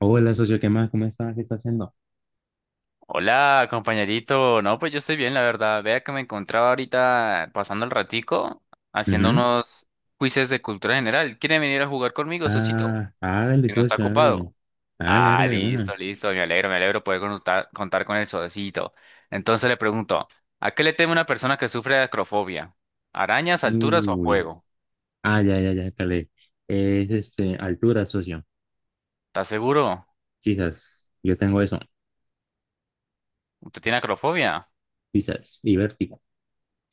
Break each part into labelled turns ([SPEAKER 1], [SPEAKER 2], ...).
[SPEAKER 1] Hola, socio, ¿qué más? ¿Cómo está? ¿Qué está haciendo?
[SPEAKER 2] Hola, compañerito. No, pues yo estoy bien, la verdad. Vea que me encontraba ahorita pasando el ratico haciendo
[SPEAKER 1] Ujú.
[SPEAKER 2] unos quizzes de cultura general. ¿Quiere venir a jugar conmigo, Sosito?
[SPEAKER 1] Ah, hágale,
[SPEAKER 2] Si no está
[SPEAKER 1] socio, hágale.
[SPEAKER 2] ocupado.
[SPEAKER 1] Hágale,
[SPEAKER 2] Ah,
[SPEAKER 1] hágale de una.
[SPEAKER 2] listo, listo. Me alegro poder contar con el Sosito. Entonces le pregunto, ¿a qué le teme una persona que sufre de acrofobia? ¿Arañas, alturas o
[SPEAKER 1] Uy.
[SPEAKER 2] fuego?
[SPEAKER 1] Ah, ya, ya, ya, calé. Es altura, socio.
[SPEAKER 2] ¿Está seguro?
[SPEAKER 1] Quizás. Yo tengo eso.
[SPEAKER 2] ¿Usted tiene acrofobia?
[SPEAKER 1] Quizás. Y vértigo.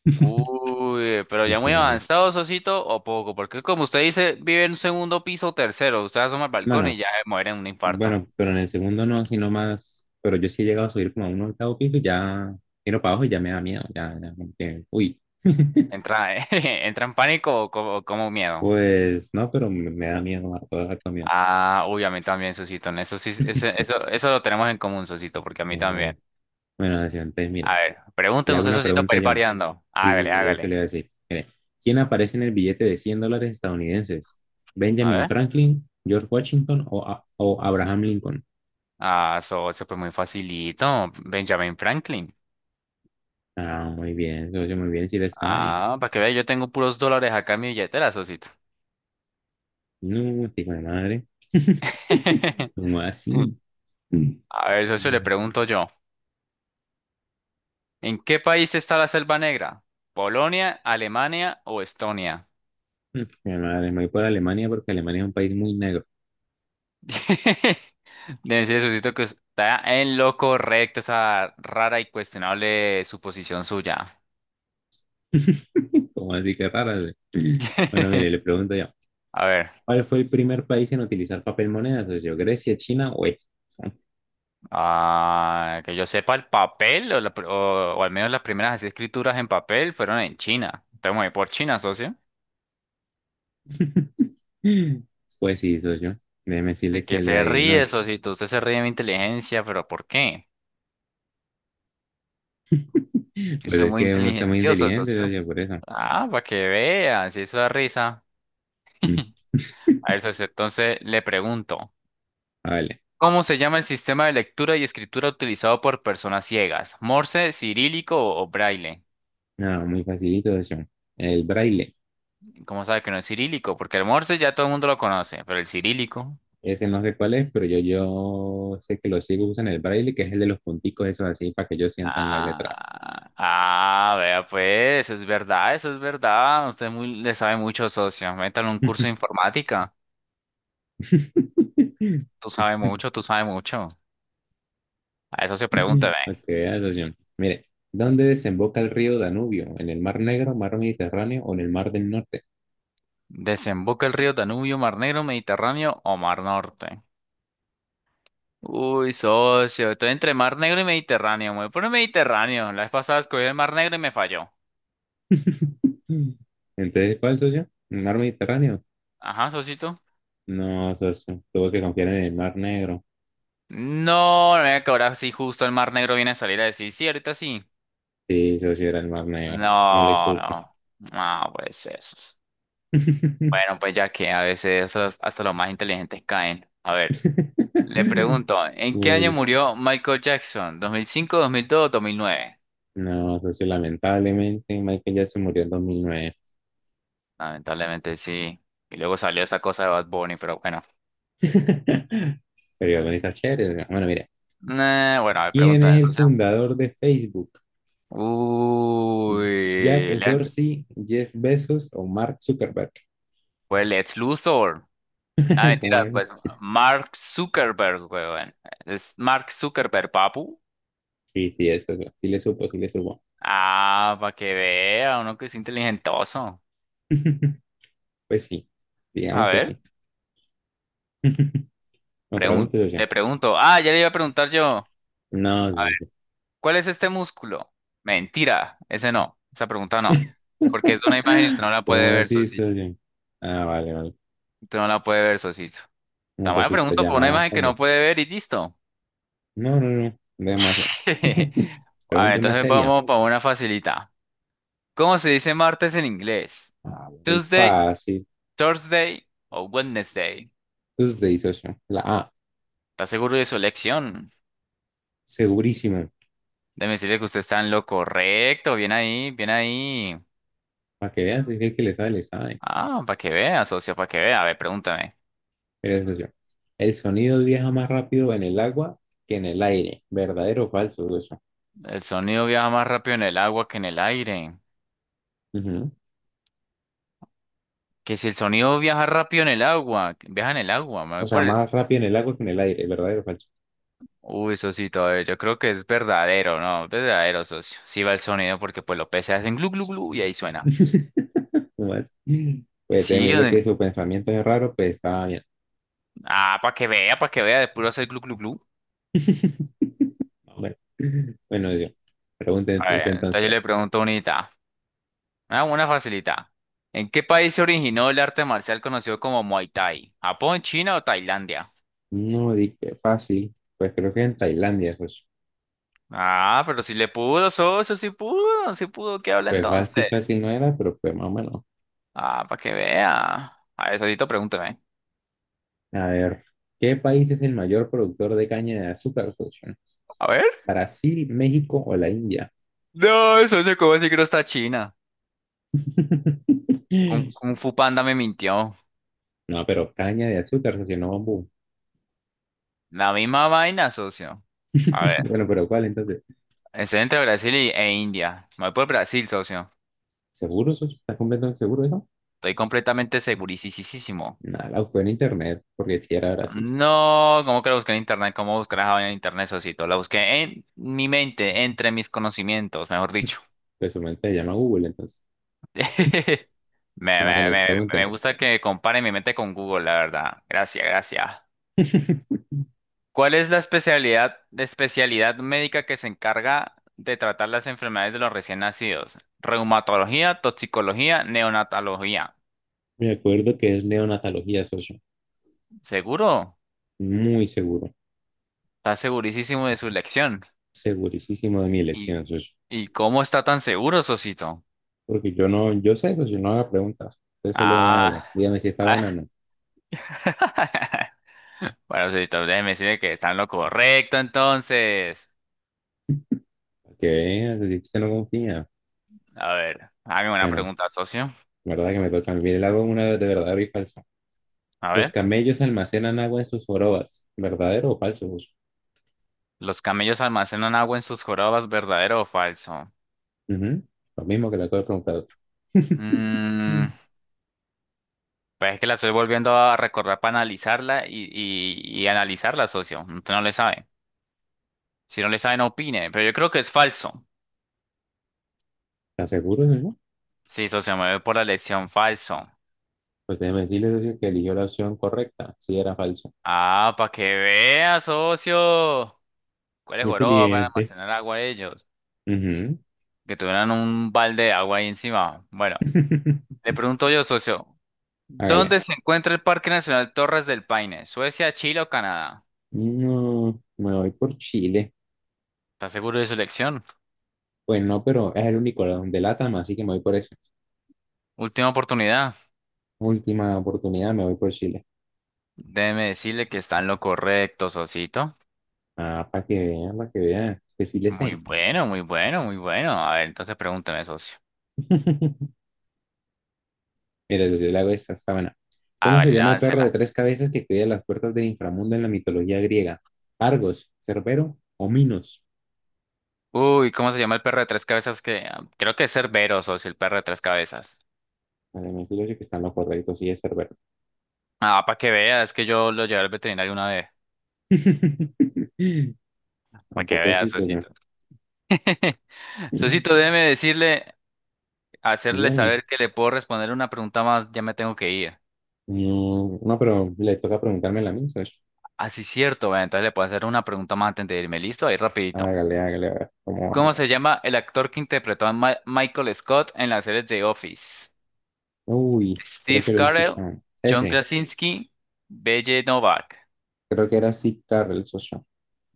[SPEAKER 2] Uy, pero ya muy
[SPEAKER 1] Este,
[SPEAKER 2] avanzado, Sosito, o poco, porque como usted dice, vive en un segundo piso tercero, usted asoma al balcón y
[SPEAKER 1] Bueno,
[SPEAKER 2] ya muere en un infarto.
[SPEAKER 1] bueno, pero en el segundo no, sino más. Pero yo sí he llegado a subir como a un 8.º piso y ya miro para abajo y ya me da miedo. Ya, ya, como que, uy.
[SPEAKER 2] Entra, entra en pánico o como miedo.
[SPEAKER 1] Pues no, pero me da miedo, me da harto miedo.
[SPEAKER 2] Ah, uy, a mí también, Sosito, en eso sí, eso, eso lo tenemos en común, Sosito, porque a mí
[SPEAKER 1] Eh,
[SPEAKER 2] también.
[SPEAKER 1] Bueno, socio, entonces, mire.
[SPEAKER 2] A ver,
[SPEAKER 1] Le
[SPEAKER 2] pregúnteme
[SPEAKER 1] hago
[SPEAKER 2] usted,
[SPEAKER 1] una
[SPEAKER 2] Sosito,
[SPEAKER 1] pregunta
[SPEAKER 2] para ir
[SPEAKER 1] John.
[SPEAKER 2] pareando.
[SPEAKER 1] Sí, sí,
[SPEAKER 2] Hágale,
[SPEAKER 1] sí, eso le
[SPEAKER 2] hágale.
[SPEAKER 1] iba a decir. Mire, ¿quién aparece en el billete de $100 estadounidenses?
[SPEAKER 2] A
[SPEAKER 1] ¿Benjamin
[SPEAKER 2] ver.
[SPEAKER 1] Franklin, George Washington o, A- o Abraham Lincoln?
[SPEAKER 2] Ah, eso fue muy facilito. Benjamin Franklin.
[SPEAKER 1] Ah, muy bien, socio, muy bien, si le sabe.
[SPEAKER 2] Ah, para que vea, yo tengo puros dólares acá en mi billetera, Sosito.
[SPEAKER 1] No, hijo de madre. ¿Cómo así? Mm.
[SPEAKER 2] A ver, socio, le
[SPEAKER 1] Mm,
[SPEAKER 2] pregunto yo. ¿En qué país está la Selva Negra? ¿Polonia, Alemania o Estonia?
[SPEAKER 1] Mi madre, me voy por Alemania porque Alemania es un país muy negro.
[SPEAKER 2] Debe ser, socito, que está en lo correcto esa rara y cuestionable suposición suya.
[SPEAKER 1] ¿Cómo así que rara? Güey. Bueno, mire, le pregunto yo.
[SPEAKER 2] A ver,
[SPEAKER 1] ¿Cuál fue el primer país en utilizar papel moneda, socio? ¿Grecia, China o Egipto?
[SPEAKER 2] ah, que yo sepa, el papel, o, la pr- o al menos las primeras así escrituras en papel fueron en China. Entonces me voy por China, socio.
[SPEAKER 1] Pues sí, socio. Déjeme
[SPEAKER 2] Y
[SPEAKER 1] decirle
[SPEAKER 2] que
[SPEAKER 1] que le
[SPEAKER 2] se
[SPEAKER 1] adivinó.
[SPEAKER 2] ríe, socito. Usted se ríe de mi inteligencia, pero ¿por qué? Sí,
[SPEAKER 1] Pues
[SPEAKER 2] soy
[SPEAKER 1] es
[SPEAKER 2] muy
[SPEAKER 1] que uno está muy
[SPEAKER 2] inteligentioso,
[SPEAKER 1] inteligente,
[SPEAKER 2] socio.
[SPEAKER 1] socio, por eso.
[SPEAKER 2] Ah, para que veas, eso da risa.
[SPEAKER 1] Mm.
[SPEAKER 2] A ver, socio, entonces le pregunto,
[SPEAKER 1] Ah, vale.
[SPEAKER 2] ¿cómo se llama el sistema de lectura y escritura utilizado por personas ciegas? ¿Morse, cirílico o braille?
[SPEAKER 1] No, muy facilito, socio. El braille.
[SPEAKER 2] ¿Cómo sabe que no es cirílico? Porque el morse ya todo el mundo lo conoce, pero el cirílico.
[SPEAKER 1] Ese no sé cuál es, pero yo sé que los ciegos usan el braille, que es el de los punticos, esos así, para que ellos sientan la letra.
[SPEAKER 2] Ah, ah, vea pues, eso es verdad, eso es verdad. Usted muy, le sabe mucho, socio. Métale un curso de informática. Tú sabes mucho, tú sabes mucho. A eso se pregunta,
[SPEAKER 1] Ok, socio. Mire, ¿dónde desemboca el río Danubio? ¿En el Mar Negro, Mar Mediterráneo o en el Mar del Norte?
[SPEAKER 2] ¿desemboca el río Danubio, Mar Negro, Mediterráneo o Mar Norte? Uy, socio, estoy entre Mar Negro y Mediterráneo. Me voy por el Mediterráneo. La vez pasada escogí el Mar Negro y me falló.
[SPEAKER 1] Mm. Entonces, ¿cuál soy yo? ¿El mar Mediterráneo?
[SPEAKER 2] Ajá, socito.
[SPEAKER 1] No, socio. Tuve que confiar en el Mar Negro.
[SPEAKER 2] No, no me que ahora sí justo el Mar Negro viene a salir a decir, sí, ahorita sí.
[SPEAKER 1] Sí, socio, era el Mar Negro. No le
[SPEAKER 2] No,
[SPEAKER 1] supe.
[SPEAKER 2] no. No, pues eso. Bueno, pues ya que a veces hasta los más inteligentes caen. A ver, le pregunto, ¿en qué año
[SPEAKER 1] Bueno,
[SPEAKER 2] murió Michael Jackson? ¿2005, 2002 o 2009?
[SPEAKER 1] no, socio, lamentablemente Michael Jackson murió en 2009.
[SPEAKER 2] Lamentablemente sí. Y luego salió esa cosa de Bad Bunny, pero bueno.
[SPEAKER 1] Pero igual con esa chévere, ¿no? Bueno, mira.
[SPEAKER 2] Bueno, a ver,
[SPEAKER 1] ¿Quién
[SPEAKER 2] pregunta de
[SPEAKER 1] es el
[SPEAKER 2] socio.
[SPEAKER 1] fundador de Facebook? ¿Jack
[SPEAKER 2] Uy, Lex,
[SPEAKER 1] Dorsey, Jeff Bezos o Mark Zuckerberg?
[SPEAKER 2] pues Lex Luthor. Nah,
[SPEAKER 1] ¿Cómo
[SPEAKER 2] mentira,
[SPEAKER 1] era?
[SPEAKER 2] pues Mark Zuckerberg, weón. Es Mark Zuckerberg, papu.
[SPEAKER 1] Sí, sí, eso, sí le supo, sí le supo.
[SPEAKER 2] Ah, para que vea, uno que es inteligentoso.
[SPEAKER 1] Pues sí,
[SPEAKER 2] A
[SPEAKER 1] digamos que
[SPEAKER 2] ver,
[SPEAKER 1] sí. No pregunte, socio.
[SPEAKER 2] le pregunto. Ah, ya le iba a preguntar yo.
[SPEAKER 1] No,
[SPEAKER 2] A ver,
[SPEAKER 1] socio.
[SPEAKER 2] ¿cuál es este músculo? Mentira, ese no. Esa pregunta no. Porque es de una imagen y usted no la
[SPEAKER 1] ¿Cómo
[SPEAKER 2] puede ver,
[SPEAKER 1] así,
[SPEAKER 2] socio.
[SPEAKER 1] socio? Ah, vale, vale.
[SPEAKER 2] Tú no la puede ver, Sosito.
[SPEAKER 1] No,
[SPEAKER 2] Tan
[SPEAKER 1] pues
[SPEAKER 2] buena
[SPEAKER 1] sí, pues
[SPEAKER 2] pregunta por una
[SPEAKER 1] llamada
[SPEAKER 2] imagen que no
[SPEAKER 1] como.
[SPEAKER 2] puede ver y listo.
[SPEAKER 1] No, no, no. Demasiado.
[SPEAKER 2] A ver,
[SPEAKER 1] Pregunta una
[SPEAKER 2] entonces
[SPEAKER 1] seria.
[SPEAKER 2] vamos para una facilita. ¿Cómo se dice martes en inglés?
[SPEAKER 1] Ah, muy
[SPEAKER 2] Tuesday,
[SPEAKER 1] fácil.
[SPEAKER 2] Thursday o Wednesday.
[SPEAKER 1] Entonces usted dice, socio. La A,
[SPEAKER 2] ¿Está seguro de su elección?
[SPEAKER 1] segurísimo.
[SPEAKER 2] Déjeme decirle que usted está en lo correcto. Bien ahí, bien ahí.
[SPEAKER 1] Para que veas, es si el que le sabe, le sabe.
[SPEAKER 2] Ah, para que vea, socio, para que vea. A ver, pregúntame.
[SPEAKER 1] Mire, socio. El sonido viaja más rápido en el agua que en el aire. ¿Verdadero o falso, socio?
[SPEAKER 2] El sonido viaja más rápido en el agua que en el aire.
[SPEAKER 1] Ujú.
[SPEAKER 2] Que si el sonido viaja rápido en el agua, viaja en el agua. Me
[SPEAKER 1] O
[SPEAKER 2] voy
[SPEAKER 1] sea,
[SPEAKER 2] por el-
[SPEAKER 1] más rápido en el agua que en el aire. ¿Verdadero o falso?
[SPEAKER 2] Uy, socito, a ver, yo creo que es verdadero, ¿no? Verdadero, socio. Sí va el sonido porque pues los peces hacen glu glu glu y ahí suena.
[SPEAKER 1] No más. Pues déjeme
[SPEAKER 2] Sí,
[SPEAKER 1] decirle que
[SPEAKER 2] donde-
[SPEAKER 1] su pensamiento es raro, pues estaba bien.
[SPEAKER 2] ah, para que vea, de puro hacer glu glu glu.
[SPEAKER 1] Bueno, bueno, yo. Pregunten
[SPEAKER 2] A
[SPEAKER 1] usted
[SPEAKER 2] ver, entonces yo
[SPEAKER 1] entonces.
[SPEAKER 2] le pregunto unita, una facilita. ¿En qué país se originó el arte marcial conocido como Muay Thai? ¿Japón, China o Tailandia?
[SPEAKER 1] No di que fácil. Pues creo que en Tailandia, pues,
[SPEAKER 2] Ah, pero si le pudo, socio, si pudo, ¿qué habla
[SPEAKER 1] pues fácil,
[SPEAKER 2] entonces?
[SPEAKER 1] fácil no era, pero pues más o menos.
[SPEAKER 2] Ah, para que vea. A ver, socito, pregúntame.
[SPEAKER 1] A ver, ¿qué país es el mayor productor de caña de azúcar, socio?
[SPEAKER 2] A ver.
[SPEAKER 1] ¿Brasil, México o la India?
[SPEAKER 2] No, socio, ¿cómo así que no está China? Kung Fu Panda me mintió.
[SPEAKER 1] No, pero caña de azúcar, socio, no bambú.
[SPEAKER 2] La misma vaina, socio. A ver,
[SPEAKER 1] Bueno, pero ¿cuál entonces?
[SPEAKER 2] estoy entre Brasil e India. Me voy por Brasil, socio.
[SPEAKER 1] ¿Seguro, socio? ¿Estás completamente seguro de eso?
[SPEAKER 2] Estoy completamente segurísimo.
[SPEAKER 1] Nada, la busqué en internet porque si era Brasil.
[SPEAKER 2] No, ¿cómo que la busqué en internet? ¿Cómo buscar esa vaina en internet, socito? La busqué en mi mente, entre mis conocimientos, mejor dicho.
[SPEAKER 1] Presumente su mente se llama Google, entonces.
[SPEAKER 2] Me,
[SPEAKER 1] Bueno,
[SPEAKER 2] me,
[SPEAKER 1] le
[SPEAKER 2] me, me
[SPEAKER 1] pregunté.
[SPEAKER 2] gusta que compare mi mente con Google, la verdad. Gracias, gracias. ¿Cuál es la especialidad médica que se encarga de tratar las enfermedades de los recién nacidos? Reumatología, toxicología, neonatología.
[SPEAKER 1] Me acuerdo que es neonatología, socio.
[SPEAKER 2] ¿Seguro?
[SPEAKER 1] Muy seguro.
[SPEAKER 2] Está segurísimo de su elección.
[SPEAKER 1] Segurísimo de mi
[SPEAKER 2] ¿Y,
[SPEAKER 1] elección, socio.
[SPEAKER 2] ¿y cómo está tan seguro, Sosito?
[SPEAKER 1] Porque yo sé, socio, no haga preguntas. Usted solo hágalo.
[SPEAKER 2] Ah.
[SPEAKER 1] Dígame si está buena o
[SPEAKER 2] Ah.
[SPEAKER 1] no.
[SPEAKER 2] Bueno, Sosito, déjeme decirle que está en lo correcto entonces.
[SPEAKER 1] Para que vea, si usted no confía.
[SPEAKER 2] A ver, hágame una
[SPEAKER 1] Bueno,
[SPEAKER 2] pregunta, socio.
[SPEAKER 1] la verdad que me toca. Mire, le hago una de verdadero y falso.
[SPEAKER 2] A
[SPEAKER 1] Los
[SPEAKER 2] ver,
[SPEAKER 1] camellos almacenan agua en sus jorobas. ¿Verdadero o falso, socio?
[SPEAKER 2] ¿los camellos almacenan agua en sus jorobas, verdadero o falso?
[SPEAKER 1] Ujú. Lo mismo que le acabo de preguntar.
[SPEAKER 2] Mmm.
[SPEAKER 1] Mm.
[SPEAKER 2] Pues es que la estoy volviendo a recordar para analizarla y analizarla, socio. No, usted no le sabe. Si no le sabe, no opine. Pero yo creo que es falso.
[SPEAKER 1] ¿Está seguro, socio?
[SPEAKER 2] Sí, socio, me voy por la elección falso.
[SPEAKER 1] Pues déjeme decirle, socio, que eligió la opción correcta, sí era falso.
[SPEAKER 2] Ah, para que vea, socio. ¿Cuáles
[SPEAKER 1] Muy
[SPEAKER 2] joroba para
[SPEAKER 1] inteligente.
[SPEAKER 2] almacenar agua de ellos?
[SPEAKER 1] Ujú.
[SPEAKER 2] Que tuvieran un balde de agua ahí encima. Bueno, le pregunto yo, socio.
[SPEAKER 1] Hágale.
[SPEAKER 2] ¿Dónde se encuentra el Parque Nacional Torres del Paine? ¿Suecia, Chile o Canadá?
[SPEAKER 1] No, me voy por Chile.
[SPEAKER 2] ¿Está seguro de su elección?
[SPEAKER 1] Pues no, pero es el único de LATAM, así que me voy por eso.
[SPEAKER 2] Última oportunidad.
[SPEAKER 1] Última oportunidad, me voy por Chile.
[SPEAKER 2] Déjeme decirle que está en lo correcto, socito.
[SPEAKER 1] Ah, para que vean, que sí le
[SPEAKER 2] Muy
[SPEAKER 1] sé.
[SPEAKER 2] bueno, muy bueno, muy bueno. A ver, entonces pregúntame, socio.
[SPEAKER 1] Mira, yo le hago esta, está buena. ¿Cómo se
[SPEAKER 2] Hágale,
[SPEAKER 1] llama el perro de
[SPEAKER 2] láncela.
[SPEAKER 1] 3 cabezas que cuida las puertas del inframundo en la mitología griega? ¿Argos, Cerbero o Minos?
[SPEAKER 2] Uy, ¿cómo se llama el perro de tres cabezas? Que ah, creo que es Cerbero, socio, el perro de tres cabezas.
[SPEAKER 1] Además, yo que están los correctos, sí es Cerbero.
[SPEAKER 2] Ah, para que veas, es que yo lo llevé al veterinario una vez. Para que
[SPEAKER 1] Tampoco es
[SPEAKER 2] veas,
[SPEAKER 1] eso ya.
[SPEAKER 2] socito.
[SPEAKER 1] Mm,
[SPEAKER 2] Socito, déjeme decirle, hacerle
[SPEAKER 1] Dígame.
[SPEAKER 2] saber que le puedo responder una pregunta más, ya me tengo que ir.
[SPEAKER 1] No, no, pero le toca preguntarme la misma.
[SPEAKER 2] Así es cierto, bueno, entonces le puedo hacer una pregunta más antes de irme. ¿Listo? Ahí rapidito.
[SPEAKER 1] Hágale, hágale, a ver cómo
[SPEAKER 2] ¿Cómo
[SPEAKER 1] vamos.
[SPEAKER 2] se llama el actor que interpretó a Michael Scott en las series de Office?
[SPEAKER 1] Uy, creo que
[SPEAKER 2] Steve
[SPEAKER 1] lo he
[SPEAKER 2] Carell,
[SPEAKER 1] escuchado.
[SPEAKER 2] John Krasinski, B.J. Novak.
[SPEAKER 1] Creo que era Steve Carell, socio.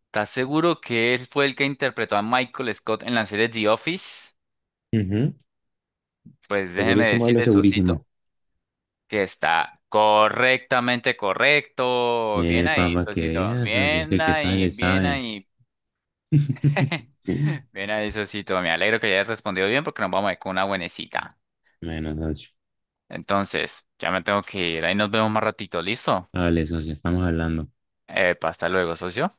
[SPEAKER 2] ¿Estás seguro que él fue el que interpretó a Michael Scott en la serie The Office?
[SPEAKER 1] Ujú,
[SPEAKER 2] Pues déjeme
[SPEAKER 1] segurísimo de lo
[SPEAKER 2] decirle,
[SPEAKER 1] segurísimo.
[SPEAKER 2] Sosito, que está correctamente correcto. Bien ahí,
[SPEAKER 1] Papá, que
[SPEAKER 2] Sosito.
[SPEAKER 1] veas, socio. Es que
[SPEAKER 2] Bien
[SPEAKER 1] el que sabe,
[SPEAKER 2] ahí,
[SPEAKER 1] le
[SPEAKER 2] bien
[SPEAKER 1] sabe.
[SPEAKER 2] ahí. Bien ahí, Sosito. Me alegro que hayas respondido bien porque nos vamos a ir con una buenecita.
[SPEAKER 1] Bueno, socio.
[SPEAKER 2] Entonces, ya me tengo que ir. Ahí nos vemos más ratito, ¿listo?
[SPEAKER 1] Vale, socio, estamos hablando.
[SPEAKER 2] Hasta luego, socio.